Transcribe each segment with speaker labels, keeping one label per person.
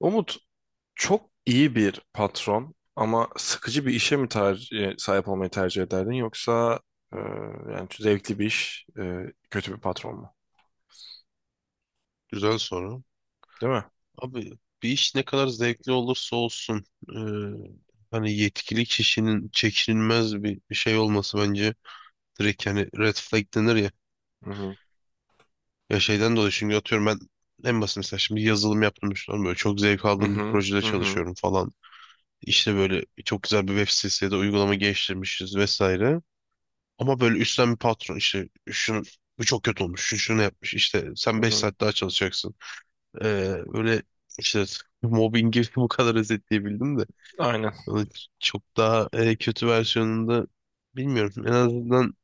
Speaker 1: Umut çok iyi bir patron ama sıkıcı bir işe mi sahip olmayı tercih ederdin yoksa e, yani zevkli bir iş kötü bir patron mu?
Speaker 2: Güzel soru.
Speaker 1: Değil mi?
Speaker 2: Abi bir iş ne kadar zevkli olursa olsun e, hani yetkili kişinin çekinilmez bir şey olması bence direkt yani red flag denir ya.
Speaker 1: Hı hı.
Speaker 2: Ya şeyden dolayı çünkü atıyorum ben en basit mesela şimdi yazılım yaptım düşünüyorum böyle çok zevk
Speaker 1: Hı
Speaker 2: aldığım bir
Speaker 1: hı.
Speaker 2: projede
Speaker 1: Hı hı.
Speaker 2: çalışıyorum falan. İşte böyle çok güzel bir web sitesi ya da uygulama geliştirmişiz vesaire. Ama böyle üstten bir patron işte şunu bu çok kötü olmuş, şu şunu yapmış işte sen
Speaker 1: Hı
Speaker 2: 5
Speaker 1: hı.
Speaker 2: saat daha çalışacaksın. Ee, öyle işte mobbingi bu kadar özetleyebildim de.
Speaker 1: Aynen.
Speaker 2: Onun çok daha kötü versiyonunda bilmiyorum. En azından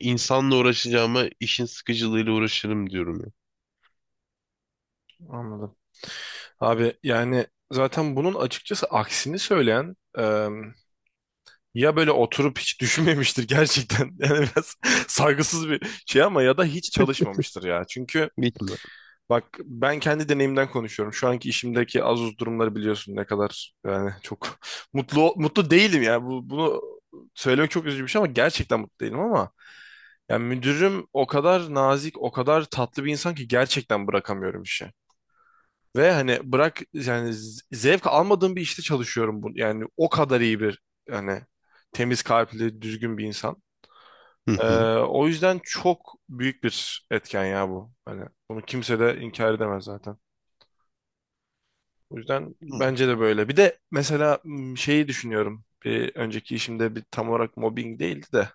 Speaker 2: insanla uğraşacağıma işin sıkıcılığıyla uğraşırım diyorum ya.
Speaker 1: Anladım. Abi yani zaten bunun açıkçası aksini söyleyen. Ya böyle oturup hiç düşünmemiştir gerçekten. Yani biraz saygısız bir şey ama ya da hiç çalışmamıştır ya. Çünkü
Speaker 2: Bitme.
Speaker 1: bak ben kendi deneyimden konuşuyorum. Şu anki işimdeki az uz durumları biliyorsun ne kadar yani çok mutlu değilim ya. Bunu söylemek çok üzücü bir şey ama gerçekten mutlu değilim ama yani müdürüm o kadar nazik, o kadar tatlı bir insan ki gerçekten bırakamıyorum işi. Ve hani bırak yani zevk almadığım bir işte çalışıyorum bu. Yani o kadar iyi bir yani temiz kalpli, düzgün bir insan.
Speaker 2: Hı
Speaker 1: Ee,
Speaker 2: hı.
Speaker 1: O yüzden çok büyük bir etken ya bu. Hani bunu kimse de inkar edemez zaten. O yüzden
Speaker 2: Hı.
Speaker 1: bence de böyle. Bir de mesela şeyi düşünüyorum. Bir önceki işimde bir tam olarak mobbing değildi de.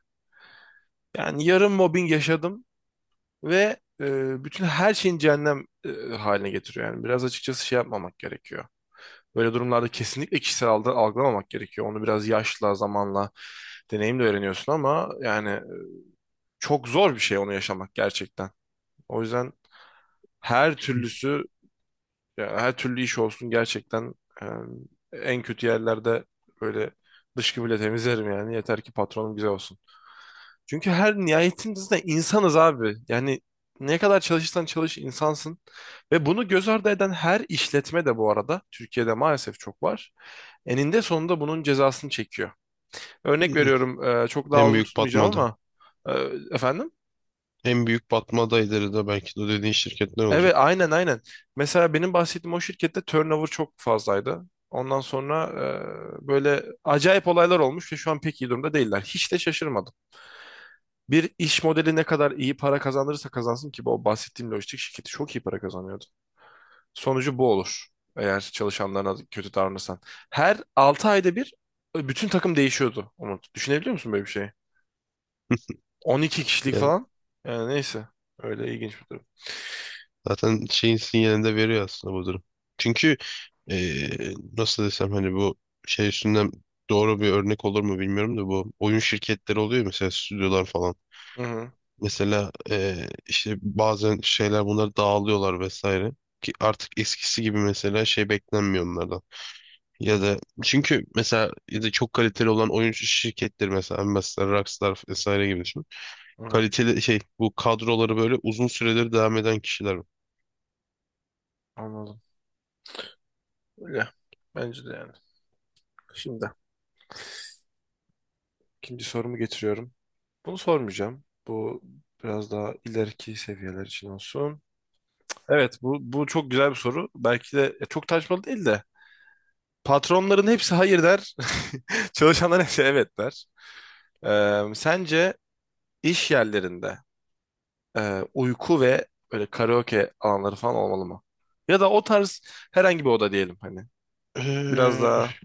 Speaker 1: Yani yarım mobbing yaşadım ve bütün her şeyin cehennem haline getiriyor. Yani biraz açıkçası şey yapmamak gerekiyor. Böyle durumlarda kesinlikle kişisel algılamamak gerekiyor. Onu biraz yaşla, zamanla, deneyimle öğreniyorsun ama yani çok zor bir şey onu yaşamak gerçekten. O yüzden her türlüsü yani her türlü iş olsun gerçekten e, en kötü yerlerde böyle dışkı bile temizlerim yani yeter ki patronum güzel olsun. Çünkü her nihayetinde insanız abi. Yani ne kadar çalışırsan çalış insansın. Ve bunu göz ardı eden her işletme de bu arada Türkiye'de maalesef çok var. Eninde sonunda bunun cezasını çekiyor. Örnek veriyorum çok daha
Speaker 2: En
Speaker 1: uzun
Speaker 2: büyük
Speaker 1: tutmayacağım
Speaker 2: batmaday.
Speaker 1: ama e, efendim?
Speaker 2: En büyük batmadayları da belki de dediğin şirketler
Speaker 1: Evet,
Speaker 2: olacak.
Speaker 1: aynen aynen. Mesela benim bahsettiğim o şirkette turnover çok fazlaydı. Ondan sonra böyle acayip olaylar olmuş ve şu an pek iyi durumda değiller. Hiç de şaşırmadım. Bir iş modeli ne kadar iyi para kazandırırsa kazansın ki bu bahsettiğim lojistik şirketi çok iyi para kazanıyordu. Sonucu bu olur eğer çalışanlarına kötü davranırsan. Her 6 ayda bir bütün takım değişiyordu Umut. Düşünebiliyor musun böyle bir şeyi? 12 kişilik
Speaker 2: Ya
Speaker 1: falan. Yani neyse öyle ilginç bir durum.
Speaker 2: zaten şeyin sinyalini de veriyor aslında bu durum. Çünkü nasıl desem hani bu şey üstünden doğru bir örnek olur mu bilmiyorum da bu oyun şirketleri oluyor mesela stüdyolar falan.
Speaker 1: Hı hı,
Speaker 2: Mesela işte bazen şeyler bunları dağılıyorlar vesaire. Ki artık eskisi gibi mesela şey beklenmiyor onlardan. Ya da çünkü mesela ya da çok kaliteli olan oyun şirketleri mesela Rockstar vesaire gibi düşün.
Speaker 1: hı hı.
Speaker 2: Kaliteli şey bu kadroları böyle uzun süredir devam eden kişiler.
Speaker 1: Anladım. Öyle. Bence de yani. Şimdi ikinci sorumu getiriyorum. Bunu sormayacağım. Bu biraz daha ileriki seviyeler için olsun. Evet, bu çok güzel bir soru. Belki de çok tartışmalı değil de. Patronların hepsi hayır der. Çalışanların hepsi evet der. Sence iş yerlerinde uyku ve böyle karaoke alanları falan olmalı mı? Ya da o tarz herhangi bir oda diyelim hani. Biraz
Speaker 2: Eee,
Speaker 1: daha.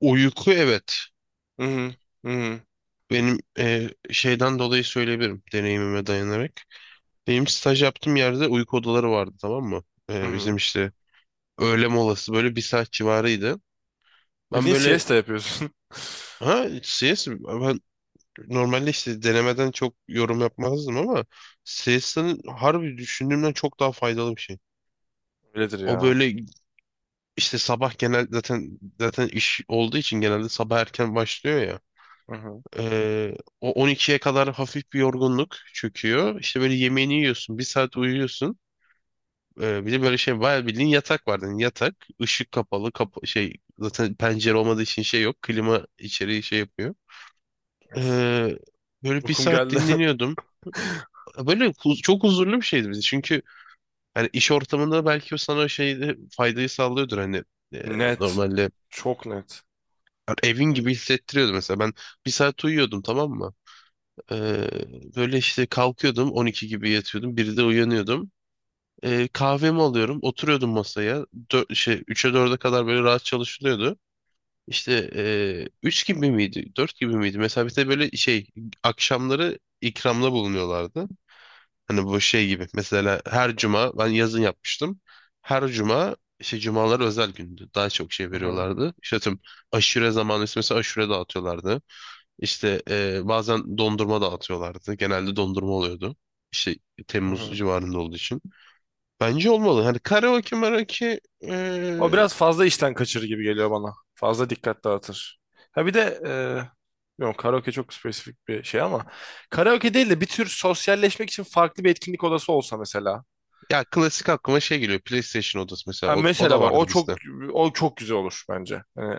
Speaker 2: Uyku evet.
Speaker 1: Hı hı, hı hı,
Speaker 2: Benim şeyden dolayı söyleyebilirim deneyimime dayanarak. Benim staj yaptığım yerde uyku odaları vardı tamam mı?
Speaker 1: hı
Speaker 2: Bizim
Speaker 1: hı.
Speaker 2: işte öğle molası böyle bir saat civarıydı. Ben
Speaker 1: Bildiğin
Speaker 2: böyle
Speaker 1: siesta yapıyorsun.
Speaker 2: ha CS ben normalde işte denemeden çok yorum yapmazdım ama CS'nin harbi düşündüğümden çok daha faydalı bir şey.
Speaker 1: Öyledir
Speaker 2: O
Speaker 1: ya.
Speaker 2: böyle işte sabah genel zaten iş olduğu için genelde sabah erken başlıyor ya.
Speaker 1: Hı hı.
Speaker 2: Ee, o 12'ye kadar hafif bir yorgunluk çöküyor. İşte böyle yemeğini yiyorsun, bir saat uyuyorsun. Bir de böyle şey bayağı bildiğin yatak vardı. Yani yatak, ışık kapalı, kapa şey zaten pencere olmadığı için şey yok. Klima içeriği şey yapıyor. Ee, böyle bir
Speaker 1: Uykum
Speaker 2: saat
Speaker 1: geldi.
Speaker 2: dinleniyordum. Böyle çok huzurlu bir şeydi bizi. Çünkü hani iş ortamında belki o sana o şeyde faydayı sağlıyordur hani e,
Speaker 1: Net.
Speaker 2: normalde.
Speaker 1: Çok net.
Speaker 2: Yani evin gibi hissettiriyordu mesela. Ben bir saat uyuyordum tamam mı? Ee, böyle işte kalkıyordum 12 gibi yatıyordum 1'de uyanıyordum. Kahvemi alıyordum oturuyordum masaya. 3'e 4'e kadar böyle rahat çalışılıyordu. İşte 3 gibi miydi 4 gibi miydi? Mesela bir de böyle şey akşamları ikramda bulunuyorlardı. Hani bu şey gibi mesela her cuma ben yazın yapmıştım. Her cuma işte cumalar özel gündü. Daha çok şey
Speaker 1: Hı hı.
Speaker 2: veriyorlardı. İşte tüm aşure zamanı mesela aşure dağıtıyorlardı. İşte bazen dondurma dağıtıyorlardı. Genelde dondurma oluyordu. İşte
Speaker 1: Hı
Speaker 2: Temmuz
Speaker 1: hı.
Speaker 2: civarında olduğu için. Bence olmalı. Hani karaoke maraoke
Speaker 1: O
Speaker 2: e,
Speaker 1: biraz fazla işten kaçırır gibi geliyor bana. Fazla dikkat dağıtır. Ha bir de yok, karaoke çok spesifik bir şey ama karaoke değil de bir tür sosyalleşmek için farklı bir etkinlik odası olsa mesela.
Speaker 2: ya klasik aklıma şey geliyor. PlayStation odası mesela.
Speaker 1: Ha,
Speaker 2: O, o
Speaker 1: mesela
Speaker 2: da
Speaker 1: bak
Speaker 2: vardı
Speaker 1: o çok,
Speaker 2: bizde.
Speaker 1: o çok güzel olur bence. Hani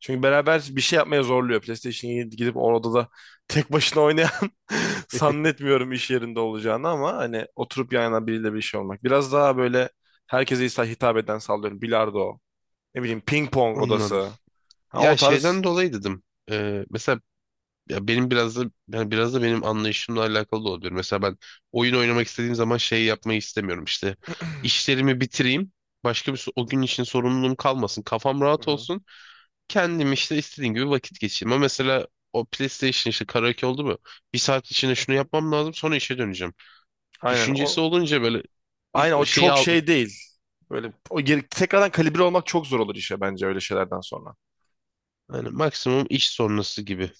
Speaker 1: çünkü beraber bir şey yapmaya zorluyor. PlayStation'a gidip orada da tek başına oynayan zannetmiyorum iş yerinde olacağını ama hani oturup yan yana biriyle bir şey olmak. Biraz daha böyle herkese hitap eden, sallıyorum. Bilardo, ne bileyim ping pong
Speaker 2: Anladım.
Speaker 1: odası. Ha, o
Speaker 2: Ya
Speaker 1: tarz.
Speaker 2: şeyden dolayı dedim. Mesela ya benim biraz da yani biraz da benim anlayışımla alakalı da olabilir. Mesela ben oyun oynamak istediğim zaman şey yapmayı istemiyorum işte. İşlerimi bitireyim. Başka bir o gün için sorumluluğum kalmasın. Kafam
Speaker 1: Hı
Speaker 2: rahat
Speaker 1: hı.
Speaker 2: olsun. Kendim işte istediğim gibi vakit geçireyim. Ama mesela o PlayStation işte karaoke oldu mu? Bir saat içinde şunu yapmam lazım sonra işe döneceğim.
Speaker 1: Aynen
Speaker 2: Düşüncesi
Speaker 1: o
Speaker 2: olunca böyle
Speaker 1: aynen o
Speaker 2: şeyi
Speaker 1: çok
Speaker 2: al
Speaker 1: şey değil. Böyle o geri, tekrardan kalibre olmak çok zor olur işe bence öyle şeylerden sonra.
Speaker 2: yani maksimum iş sonrası gibi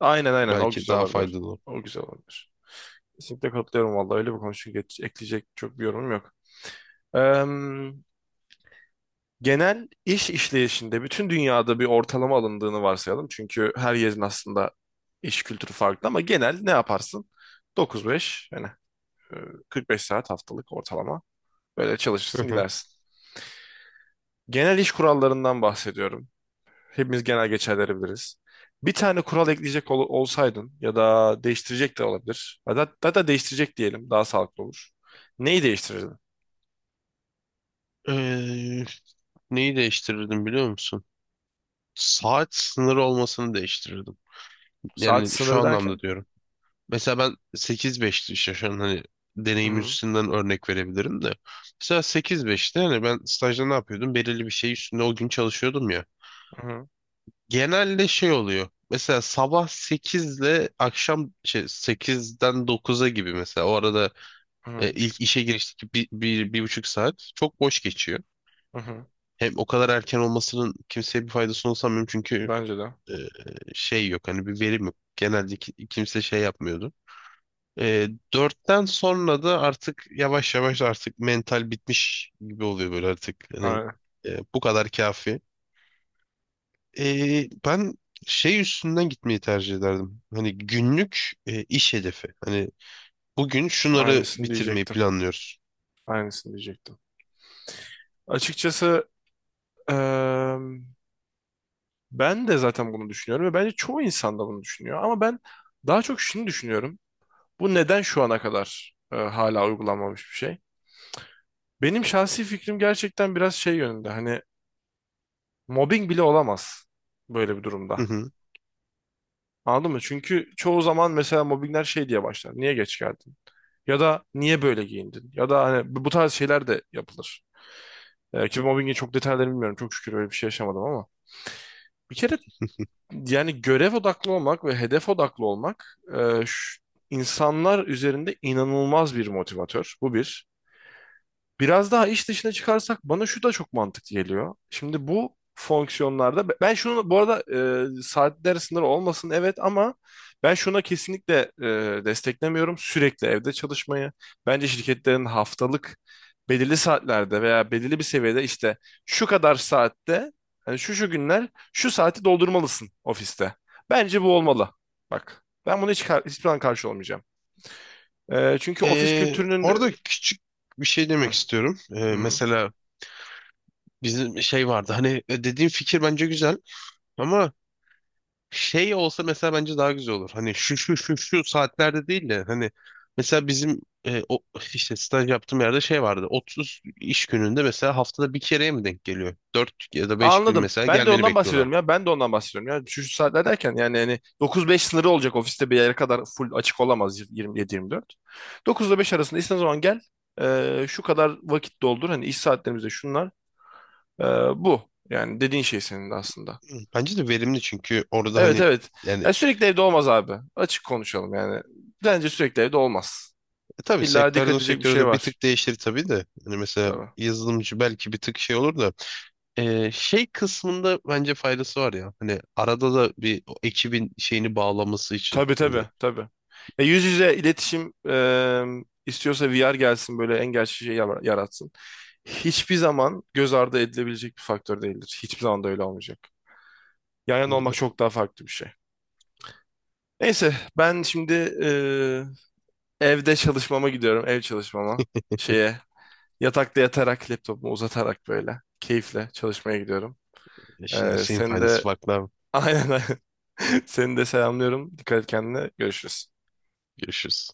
Speaker 1: Aynen aynen, o
Speaker 2: belki
Speaker 1: güzel
Speaker 2: daha
Speaker 1: olabilir.
Speaker 2: faydalı olur.
Speaker 1: O güzel olabilir. Kesinlikle katılıyorum vallahi, öyle bir konu çünkü ekleyecek çok bir yorumum yok. Eee, Genel iş işleyişinde bütün dünyada bir ortalama alındığını varsayalım. Çünkü her yerin aslında iş kültürü farklı ama genel ne yaparsın? 9-5 yani eee, 45 saat haftalık ortalama böyle
Speaker 2: Hı
Speaker 1: çalışırsın
Speaker 2: hı.
Speaker 1: gidersin. Genel iş kurallarından bahsediyorum. Hepimiz genel geçerleri biliriz. Bir tane kural ekleyecek olsaydın ya da değiştirecek de olabilir. Hatta değiştirecek diyelim, daha sağlıklı olur. Neyi değiştirirdin?
Speaker 2: Ee, neyi değiştirirdim biliyor musun? Saat sınırı olmasını değiştirirdim.
Speaker 1: Saat
Speaker 2: Yani şu
Speaker 1: sınırı
Speaker 2: anlamda
Speaker 1: derken?
Speaker 2: diyorum. Mesela ben sekiz 5'ti işte şu an hani
Speaker 1: Hı
Speaker 2: deneyim
Speaker 1: hı,
Speaker 2: üstünden örnek verebilirim de. Mesela sekiz 5'te hani ben stajda ne yapıyordum? Belirli bir şey üstünde o gün çalışıyordum ya.
Speaker 1: hı
Speaker 2: Genelde şey oluyor. Mesela sabah 8 ile akşam şey, 8'den 9'a gibi mesela. O arada
Speaker 1: hı,
Speaker 2: ilk işe girişteki 1,5 saat çok boş geçiyor.
Speaker 1: hı hı.
Speaker 2: Hem o kadar erken olmasının kimseye bir faydasını sanmıyorum çünkü
Speaker 1: Bence de.
Speaker 2: e, şey yok hani bir verim yok. Genelde kimse şey yapmıyordu. E, 4'ten sonra da artık yavaş yavaş artık mental bitmiş gibi oluyor böyle artık. Hani
Speaker 1: Aynen.
Speaker 2: bu kadar kafi. Ben şey üstünden gitmeyi tercih ederdim. Hani günlük iş hedefi. Hani bugün şunları
Speaker 1: Aynısını
Speaker 2: bitirmeyi
Speaker 1: diyecektim.
Speaker 2: planlıyoruz.
Speaker 1: Aynısını diyecektim. Açıkçası eee, ben de zaten bunu düşünüyorum ve bence çoğu insan da bunu düşünüyor. Ama ben daha çok şunu düşünüyorum. Bu neden şu ana kadar hala uygulanmamış bir şey? Benim şahsi fikrim gerçekten biraz şey yönünde. Hani mobbing bile olamaz böyle bir durumda.
Speaker 2: Hı hı.
Speaker 1: Anladın mı? Çünkü çoğu zaman mesela mobbingler şey diye başlar. Niye geç geldin? Ya da niye böyle giyindin? Ya da hani bu tarz şeyler de yapılır. Ki mobbingin çok detaylarını bilmiyorum. Çok şükür öyle bir şey yaşamadım ama. Bir kere yani görev odaklı olmak ve hedef odaklı olmak insanlar üzerinde inanılmaz bir motivatör. Bu bir. Biraz daha iş dışına çıkarsak bana şu da çok mantıklı geliyor. Şimdi bu fonksiyonlarda ben şunu bu arada saatler sınırı olmasın evet ama ben şuna kesinlikle desteklemiyorum sürekli evde çalışmayı. Bence şirketlerin haftalık belirli saatlerde veya belirli bir seviyede işte şu kadar saatte yani şu şu günler şu saati doldurmalısın ofiste. Bence bu olmalı. Bak ben bunu hiç hiçbir zaman karşı olmayacağım. E, çünkü ofis
Speaker 2: Ee,
Speaker 1: kültürünün
Speaker 2: orada küçük bir şey
Speaker 1: e,
Speaker 2: demek istiyorum.
Speaker 1: hı,
Speaker 2: Ee,
Speaker 1: hı.
Speaker 2: mesela bizim şey vardı. Hani dediğim fikir bence güzel ama şey olsa mesela bence daha güzel olur. Hani şu şu şu şu saatlerde değil de hani mesela bizim o işte staj yaptığım yerde şey vardı. 30 iş gününde mesela haftada bir kereye mi denk geliyor? 4 ya da 5 gün
Speaker 1: Anladım.
Speaker 2: mesela
Speaker 1: Ben de
Speaker 2: gelmeni
Speaker 1: ondan bahsediyorum
Speaker 2: bekliyorlardı.
Speaker 1: ya. Ben de ondan bahsediyorum ya. Şu şu saatler derken yani hani 9-5 sınırı olacak ofiste, bir yere kadar full açık olamaz 27-24. 9 ile 5 arasında istediğin zaman gel. Şu kadar vakit doldur. Hani iş saatlerimizde şunlar. Ee, Bu. Yani dediğin şey senin de aslında.
Speaker 2: Bence de verimli çünkü orada
Speaker 1: Evet
Speaker 2: hani
Speaker 1: evet.
Speaker 2: yani
Speaker 1: Ya sürekli evde olmaz abi. Açık konuşalım yani. Bence sürekli evde olmaz.
Speaker 2: tabii
Speaker 1: İlla dikkat
Speaker 2: sektörden
Speaker 1: edecek bir
Speaker 2: sektöre
Speaker 1: şey
Speaker 2: de bir
Speaker 1: var.
Speaker 2: tık değişir tabii de. Hani mesela
Speaker 1: Tabii.
Speaker 2: yazılımcı belki bir tık şey olur da şey kısmında bence faydası var ya. Hani arada da bir o ekibin şeyini bağlaması için.
Speaker 1: Tabii
Speaker 2: Hani
Speaker 1: tabii tabii. Ya yüz yüze iletişim istiyorsa VR gelsin, böyle en gerçek şeyi yaratsın. Hiçbir zaman göz ardı edilebilecek bir faktör değildir. Hiçbir zaman da öyle olmayacak. Yan yana
Speaker 2: bence
Speaker 1: olmak
Speaker 2: de
Speaker 1: çok daha farklı bir şey. Neyse ben şimdi e, evde çalışmama gidiyorum. Ev çalışmama. Şeye, yatakta yatarak laptopumu uzatarak böyle keyifle çalışmaya gidiyorum.
Speaker 2: işte her
Speaker 1: E,
Speaker 2: şeyin
Speaker 1: seni
Speaker 2: faydası
Speaker 1: de
Speaker 2: farklı abi.
Speaker 1: aynen aynen. Seni de selamlıyorum. Dikkat et kendine. Görüşürüz.
Speaker 2: Görüşürüz.